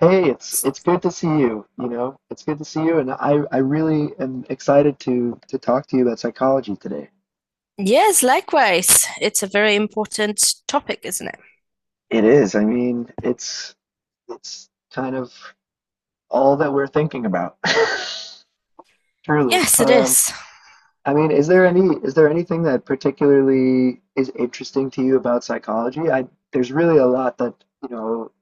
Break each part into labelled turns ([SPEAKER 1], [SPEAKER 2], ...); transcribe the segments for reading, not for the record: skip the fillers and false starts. [SPEAKER 1] Hey, it's good to see you. You know, it's good to see you, and I really am excited to talk to you about psychology today.
[SPEAKER 2] Yes, likewise. It's a very important topic, isn't it?
[SPEAKER 1] It is. I mean, it's kind of all that we're thinking about. Truly.
[SPEAKER 2] Yes, it is.
[SPEAKER 1] I mean, is there anything that particularly is interesting to you about psychology? I There's really a lot that, you know,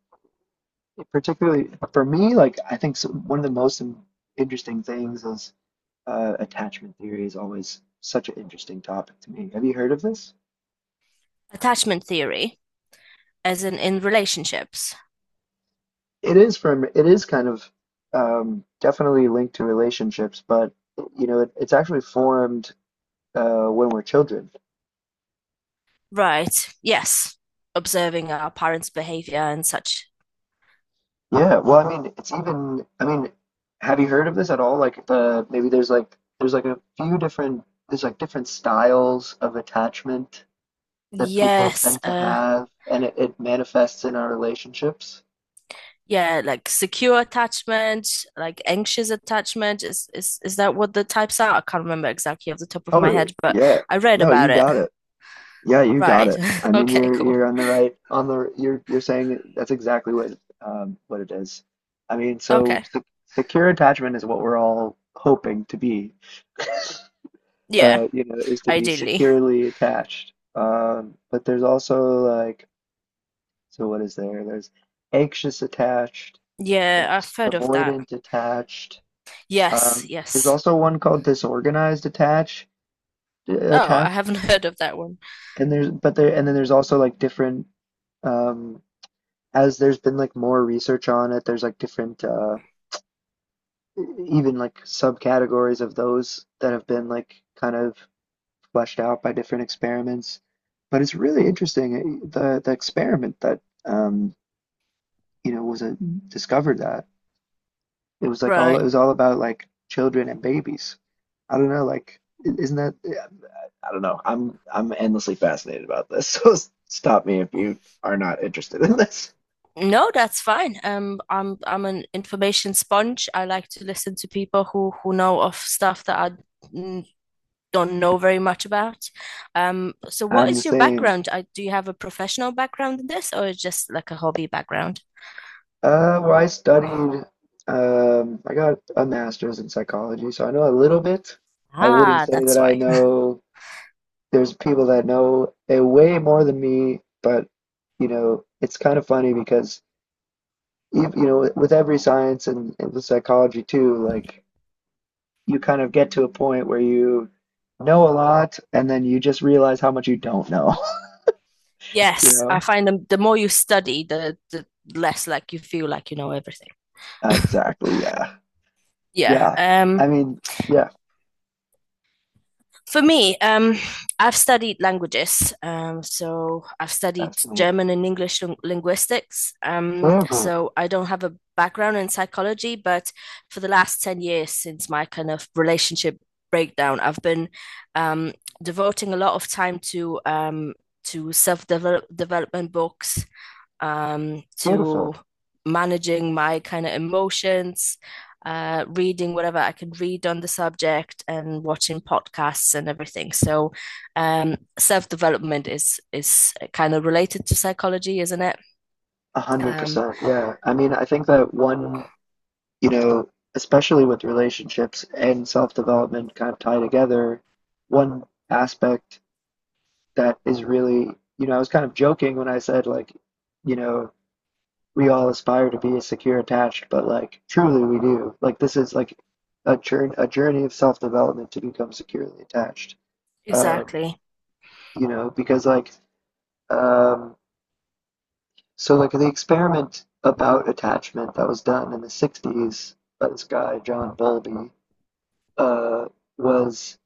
[SPEAKER 1] particularly for me, like I think one of the interesting things is attachment theory is always such an interesting topic to me. Have you heard of this?
[SPEAKER 2] Attachment theory, as in relationships.
[SPEAKER 1] It is kind of definitely linked to relationships, but you know, it's actually formed when we're children.
[SPEAKER 2] Right. Yes. Observing our parents' behavior and such.
[SPEAKER 1] Yeah, well, I mean, have you heard of this at all? There's like a few different, there's like different styles of attachment that people
[SPEAKER 2] Yes.
[SPEAKER 1] tend to
[SPEAKER 2] Uh,
[SPEAKER 1] have, and it manifests in our relationships.
[SPEAKER 2] yeah, like secure attachment, like anxious attachment. Is that what the types are? I can't remember exactly off the top of my head,
[SPEAKER 1] Totally.
[SPEAKER 2] but
[SPEAKER 1] Yeah.
[SPEAKER 2] I read
[SPEAKER 1] No, you
[SPEAKER 2] about it.
[SPEAKER 1] got it. Yeah, you got
[SPEAKER 2] Right.
[SPEAKER 1] it. I mean,
[SPEAKER 2] Okay,
[SPEAKER 1] you're
[SPEAKER 2] cool.
[SPEAKER 1] you're on the right on the you're that's exactly what it is. I mean, so
[SPEAKER 2] Okay.
[SPEAKER 1] se secure attachment is what we're all hoping to be.
[SPEAKER 2] Yeah,
[SPEAKER 1] You know, is to be
[SPEAKER 2] ideally.
[SPEAKER 1] securely attached. But there's also like, So what is there? There's anxious attached.
[SPEAKER 2] Yeah, I've
[SPEAKER 1] There's
[SPEAKER 2] heard of that.
[SPEAKER 1] avoidant attached.
[SPEAKER 2] Yes,
[SPEAKER 1] There's
[SPEAKER 2] yes.
[SPEAKER 1] also one called disorganized
[SPEAKER 2] Oh, I
[SPEAKER 1] attached.
[SPEAKER 2] haven't heard of that one.
[SPEAKER 1] And then there's also like different. um as there's been like more research on it, there's like different even like subcategories of those that have been like kind of fleshed out by different experiments. But it's really interesting the experiment that you know was a, discovered that it was like all it
[SPEAKER 2] Right.
[SPEAKER 1] was all about like children and babies. I don't know, like isn't that eh, I don't know. I'm endlessly fascinated about this. So stop me if you are not interested in this.
[SPEAKER 2] No, that's fine. I'm an information sponge. I like to listen to people who know of stuff that I don't know very much about. So what
[SPEAKER 1] I'm the
[SPEAKER 2] is your
[SPEAKER 1] same.
[SPEAKER 2] background? Do you have a professional background in this or just like a hobby background?
[SPEAKER 1] Well, I got a master's in psychology, so I know a little bit. I wouldn't
[SPEAKER 2] Ah,
[SPEAKER 1] say
[SPEAKER 2] that's
[SPEAKER 1] that I
[SPEAKER 2] why.
[SPEAKER 1] know, There's people that know a way more than me, but, you know, it's kind of funny because, you know, with every science and with psychology too, like, you kind of get to a point where you know a lot and then you just realize how much you don't know, you
[SPEAKER 2] Yes, I
[SPEAKER 1] know?
[SPEAKER 2] find the more you study, the less like you feel like you know everything.
[SPEAKER 1] Exactly, yeah.
[SPEAKER 2] Yeah.
[SPEAKER 1] Yeah. I mean, yeah,
[SPEAKER 2] For me, I've studied languages. So I've studied
[SPEAKER 1] fascinating.
[SPEAKER 2] German and English linguistics.
[SPEAKER 1] Very good.
[SPEAKER 2] So I don't have a background in psychology, but for the last 10 years since my kind of relationship breakdown, I've been um, devoting a lot of time to self development books,
[SPEAKER 1] Beautiful.
[SPEAKER 2] to managing my kind of emotions, reading whatever I could read on the subject, and watching podcasts and everything. So, self development is kind of related to psychology, isn't it?
[SPEAKER 1] A hundred
[SPEAKER 2] Um,
[SPEAKER 1] percent. Yeah. I mean, I think that one, you know, especially with relationships and self-development kind of tie together, one aspect that is really, you know, I was kind of joking when I said, like, you know, we all aspire to be secure attached, but like, truly we do. Like, this is like a journey of self-development to become securely attached. Um,
[SPEAKER 2] exactly.
[SPEAKER 1] you know, because like, um, So like the experiment about attachment that was done in the '60s by this guy John Bowlby uh, was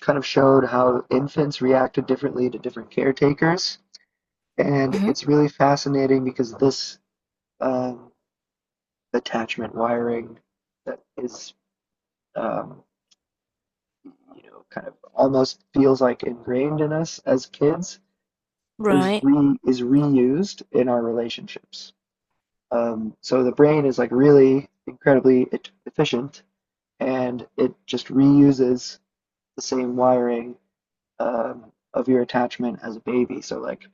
[SPEAKER 1] kind of showed how infants reacted differently to different caretakers, and
[SPEAKER 2] Hmm.
[SPEAKER 1] it's really fascinating because this um, attachment wiring that is um, you know kind of almost feels like ingrained in us as kids
[SPEAKER 2] Right.
[SPEAKER 1] is reused in our relationships. So the brain is like really incredibly efficient, and it just reuses the same wiring of your attachment as a baby. So like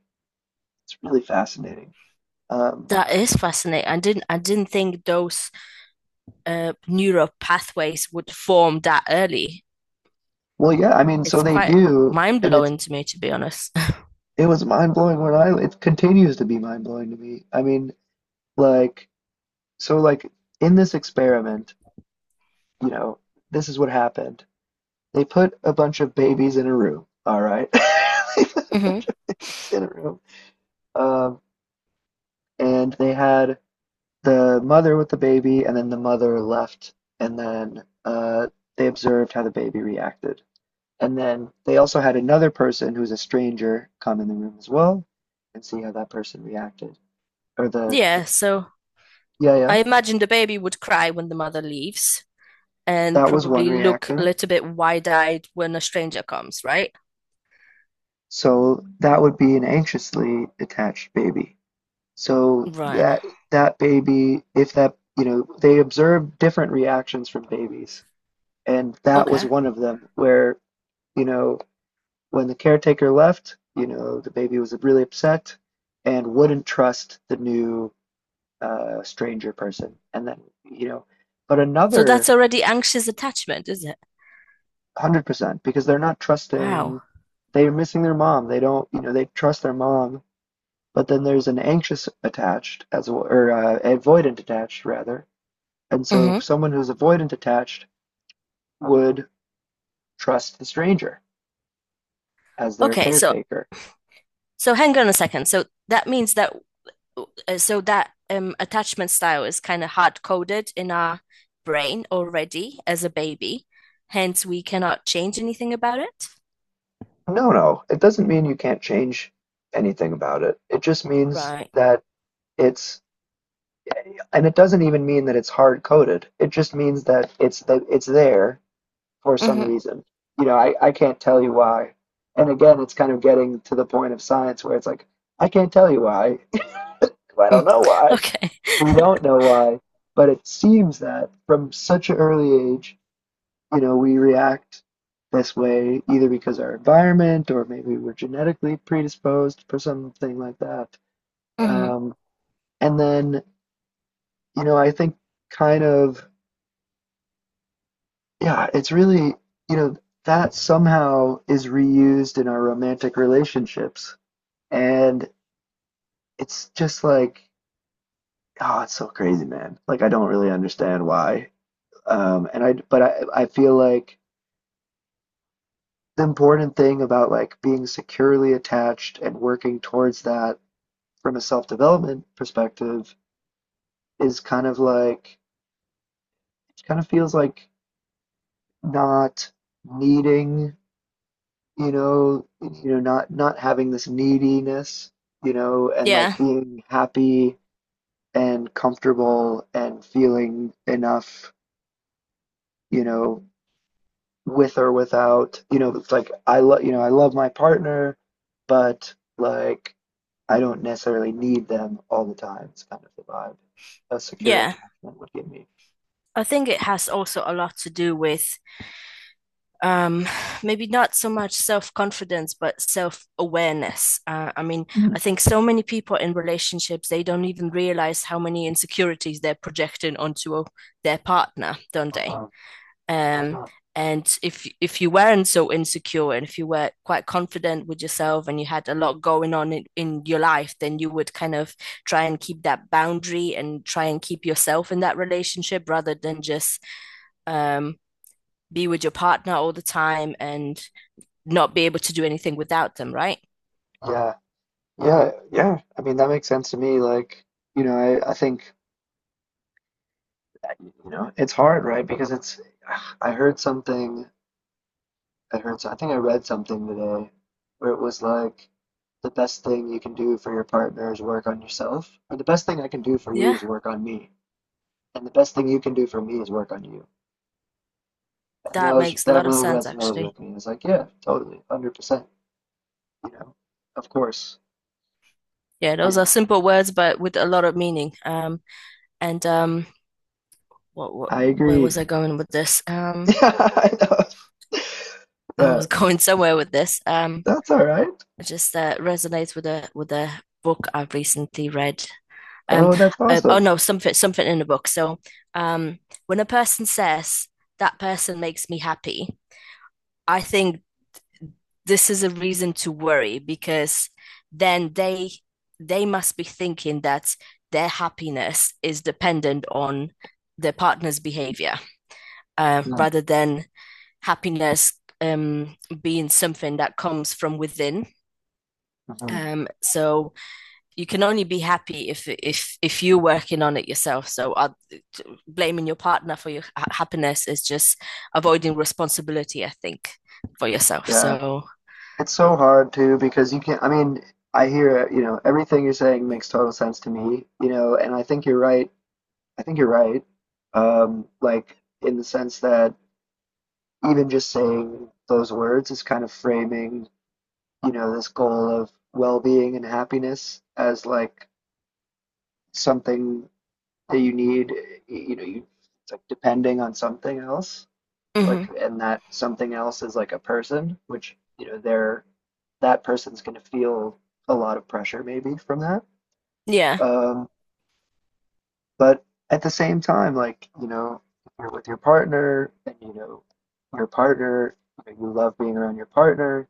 [SPEAKER 1] it's really fascinating. Um,
[SPEAKER 2] That is fascinating. I didn't think those neural pathways would form that early.
[SPEAKER 1] well, yeah, I mean, so
[SPEAKER 2] It's
[SPEAKER 1] they
[SPEAKER 2] quite
[SPEAKER 1] do,
[SPEAKER 2] mind
[SPEAKER 1] and
[SPEAKER 2] blowing to me, to be honest.
[SPEAKER 1] it was mind blowing when I it continues to be mind blowing to me. I mean, like so like in this experiment, you know, this is what happened. They put a bunch of babies in a room. All right, they put a
[SPEAKER 2] Hmm.
[SPEAKER 1] bunch of babies in a room. Um, and they had the mother with the baby, and then the mother left, and then they observed how the baby reacted. And then they also had another person who's a stranger come in the room as well and see how that person reacted. Or the,
[SPEAKER 2] Yeah. So
[SPEAKER 1] yeah,
[SPEAKER 2] I imagine the baby would cry when the mother leaves and
[SPEAKER 1] that was one
[SPEAKER 2] probably look a
[SPEAKER 1] reaction.
[SPEAKER 2] little bit wide-eyed when a stranger comes, right?
[SPEAKER 1] So that would be an anxiously attached baby. So
[SPEAKER 2] Right.
[SPEAKER 1] that baby, if that, you know, they observed different reactions from babies, and that was
[SPEAKER 2] Okay.
[SPEAKER 1] one of them where, you know, when the caretaker left, you know, the baby was really upset and wouldn't trust the new stranger person. And then, you know, but
[SPEAKER 2] So that's
[SPEAKER 1] another
[SPEAKER 2] already anxious attachment, is it?
[SPEAKER 1] 100% because they're not trusting,
[SPEAKER 2] Wow.
[SPEAKER 1] they're missing their mom. They don't, you know, they trust their mom, but then there's an anxious attached as well, or avoidant attached rather. And so
[SPEAKER 2] Hmm.
[SPEAKER 1] someone who's avoidant attached would trust the stranger as their
[SPEAKER 2] Okay, so
[SPEAKER 1] caretaker.
[SPEAKER 2] hang on a second. So that means that so that attachment style is kind of hard-coded in our brain already as a baby. Hence, we cannot change anything about it.
[SPEAKER 1] No, no. It doesn't mean you can't change anything about it. It just means
[SPEAKER 2] Right.
[SPEAKER 1] that it's, and it doesn't even mean that it's hard coded. It just means that it's there for some
[SPEAKER 2] Hmm.
[SPEAKER 1] reason. You know, I can't tell you why. And again, it's kind of getting to the point of science where it's like, I can't tell you why. I don't know why.
[SPEAKER 2] Okay.
[SPEAKER 1] We don't know why. But it seems that from such an early age, you know, we react this way either because our environment or maybe we're genetically predisposed for something like that.
[SPEAKER 2] Hmm.
[SPEAKER 1] Um, and then, you know, I think kind of, yeah, it's really, you know, that somehow is reused in our romantic relationships. And it's just like, oh, it's so crazy, man. Like, I don't really understand why. And I, but I feel like the important thing about like being securely attached and working towards that from a self development perspective is kind of feels like not needing you know not having this neediness you know and like
[SPEAKER 2] Yeah.
[SPEAKER 1] being happy and comfortable and feeling enough you know with or without it's like I love you know I love my partner but like I don't necessarily need them all the time. It's kind of the vibe a secure
[SPEAKER 2] Yeah.
[SPEAKER 1] attachment would give me.
[SPEAKER 2] I think it has also a lot to do with um, maybe not so much self confidence, but self awareness. I mean,
[SPEAKER 1] Mm.
[SPEAKER 2] I think so many people in relationships, they don't even realize how many insecurities they're projecting onto their partner, don't they? Um, and if you weren't so insecure and if you were quite confident with yourself and you had a lot going on in your life, then you would kind of try and keep that boundary and try and keep yourself in that relationship rather than just um, be with your partner all the time and not be able to do anything without them, right?
[SPEAKER 1] Yeah, yeah. I mean, that makes sense to me. Like, you know, I think, you know, it's hard, right? I heard something, I think I read something today where it was like, the best thing you can do for your partner is work on yourself, or the best thing I can do for you
[SPEAKER 2] Yeah,
[SPEAKER 1] is work on me, and the best thing you can do for me is work on you. And
[SPEAKER 2] that makes a
[SPEAKER 1] that
[SPEAKER 2] lot of
[SPEAKER 1] really
[SPEAKER 2] sense
[SPEAKER 1] resonated
[SPEAKER 2] actually.
[SPEAKER 1] with me. It's like, yeah, totally, 100%, you know, of course,
[SPEAKER 2] Yeah,
[SPEAKER 1] you
[SPEAKER 2] those are
[SPEAKER 1] know,
[SPEAKER 2] simple words but with a lot of meaning. And what
[SPEAKER 1] I
[SPEAKER 2] where
[SPEAKER 1] agree.
[SPEAKER 2] was I going with this?
[SPEAKER 1] Yeah, I know.
[SPEAKER 2] I
[SPEAKER 1] Yeah.
[SPEAKER 2] was going somewhere with this.
[SPEAKER 1] That's all right.
[SPEAKER 2] It just resonates with a book I've recently read. Um,
[SPEAKER 1] Oh, that's
[SPEAKER 2] oh
[SPEAKER 1] awesome.
[SPEAKER 2] no, something in the book. So um, when a person says that person makes me happy, I think this is a reason to worry because then they must be thinking that their happiness is dependent on their partner's behavior, rather than happiness, um, being something that comes from within.
[SPEAKER 1] Mm-hmm.
[SPEAKER 2] So you can only be happy if if you're working on it yourself. So blaming your partner for your happiness is just avoiding responsibility, I think, for yourself.
[SPEAKER 1] Yeah.
[SPEAKER 2] So
[SPEAKER 1] It's so hard too because you can't, I mean, I hear, you know, everything you're saying makes total sense to me, you know, and I think you're right. I think you're right. Like in the sense that even just saying those words is kind of framing, you know, this goal of well-being and happiness as like something that you need, you know, you it's like depending on something else.
[SPEAKER 2] mm-hmm.
[SPEAKER 1] Like and that something else is like a person which you know they're that person's going to feel a lot of pressure maybe from that
[SPEAKER 2] yeah
[SPEAKER 1] um but at the same time like you know if you're with your partner and you know your partner you, know, you love being around your partner.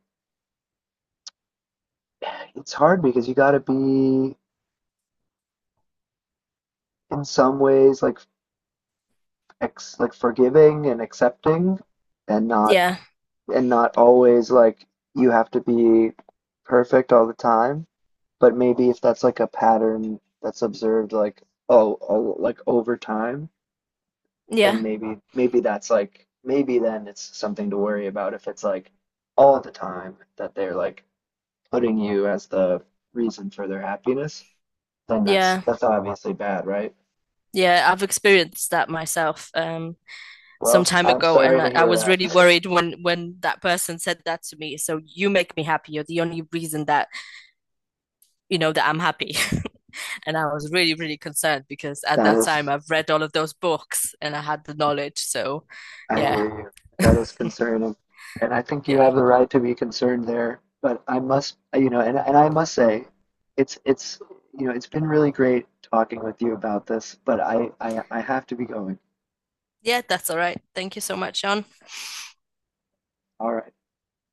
[SPEAKER 1] It's hard because you got to be in some ways like like forgiving and accepting and not
[SPEAKER 2] yeah
[SPEAKER 1] and not always like you have to be perfect all the time. But maybe if that's like a pattern that's observed, like oh, like over time,
[SPEAKER 2] Yeah,
[SPEAKER 1] then maybe that's like maybe then it's something to worry about if it's like all the time that they're like putting you as the reason for their happiness, then
[SPEAKER 2] yeah,
[SPEAKER 1] that's obviously bad, right?
[SPEAKER 2] yeah. I've experienced that myself some
[SPEAKER 1] Well,
[SPEAKER 2] time
[SPEAKER 1] I'm
[SPEAKER 2] ago,
[SPEAKER 1] sorry
[SPEAKER 2] and
[SPEAKER 1] to
[SPEAKER 2] I
[SPEAKER 1] hear
[SPEAKER 2] was really
[SPEAKER 1] that.
[SPEAKER 2] worried when that person said that to me. So you make me happy. You're the only reason that you know that I'm happy. And I was really, really concerned because at
[SPEAKER 1] That
[SPEAKER 2] that time
[SPEAKER 1] is
[SPEAKER 2] I've read all of those books and I had the knowledge. So
[SPEAKER 1] I
[SPEAKER 2] yeah,
[SPEAKER 1] hear you. That is concerning. And I think you
[SPEAKER 2] yeah.
[SPEAKER 1] have the right to be concerned there. But I must, you know, and I must say, it's you know, it's been really great talking with you about this, but I have to be going.
[SPEAKER 2] Yeah, that's all right. Thank you so much, Sean.
[SPEAKER 1] All right.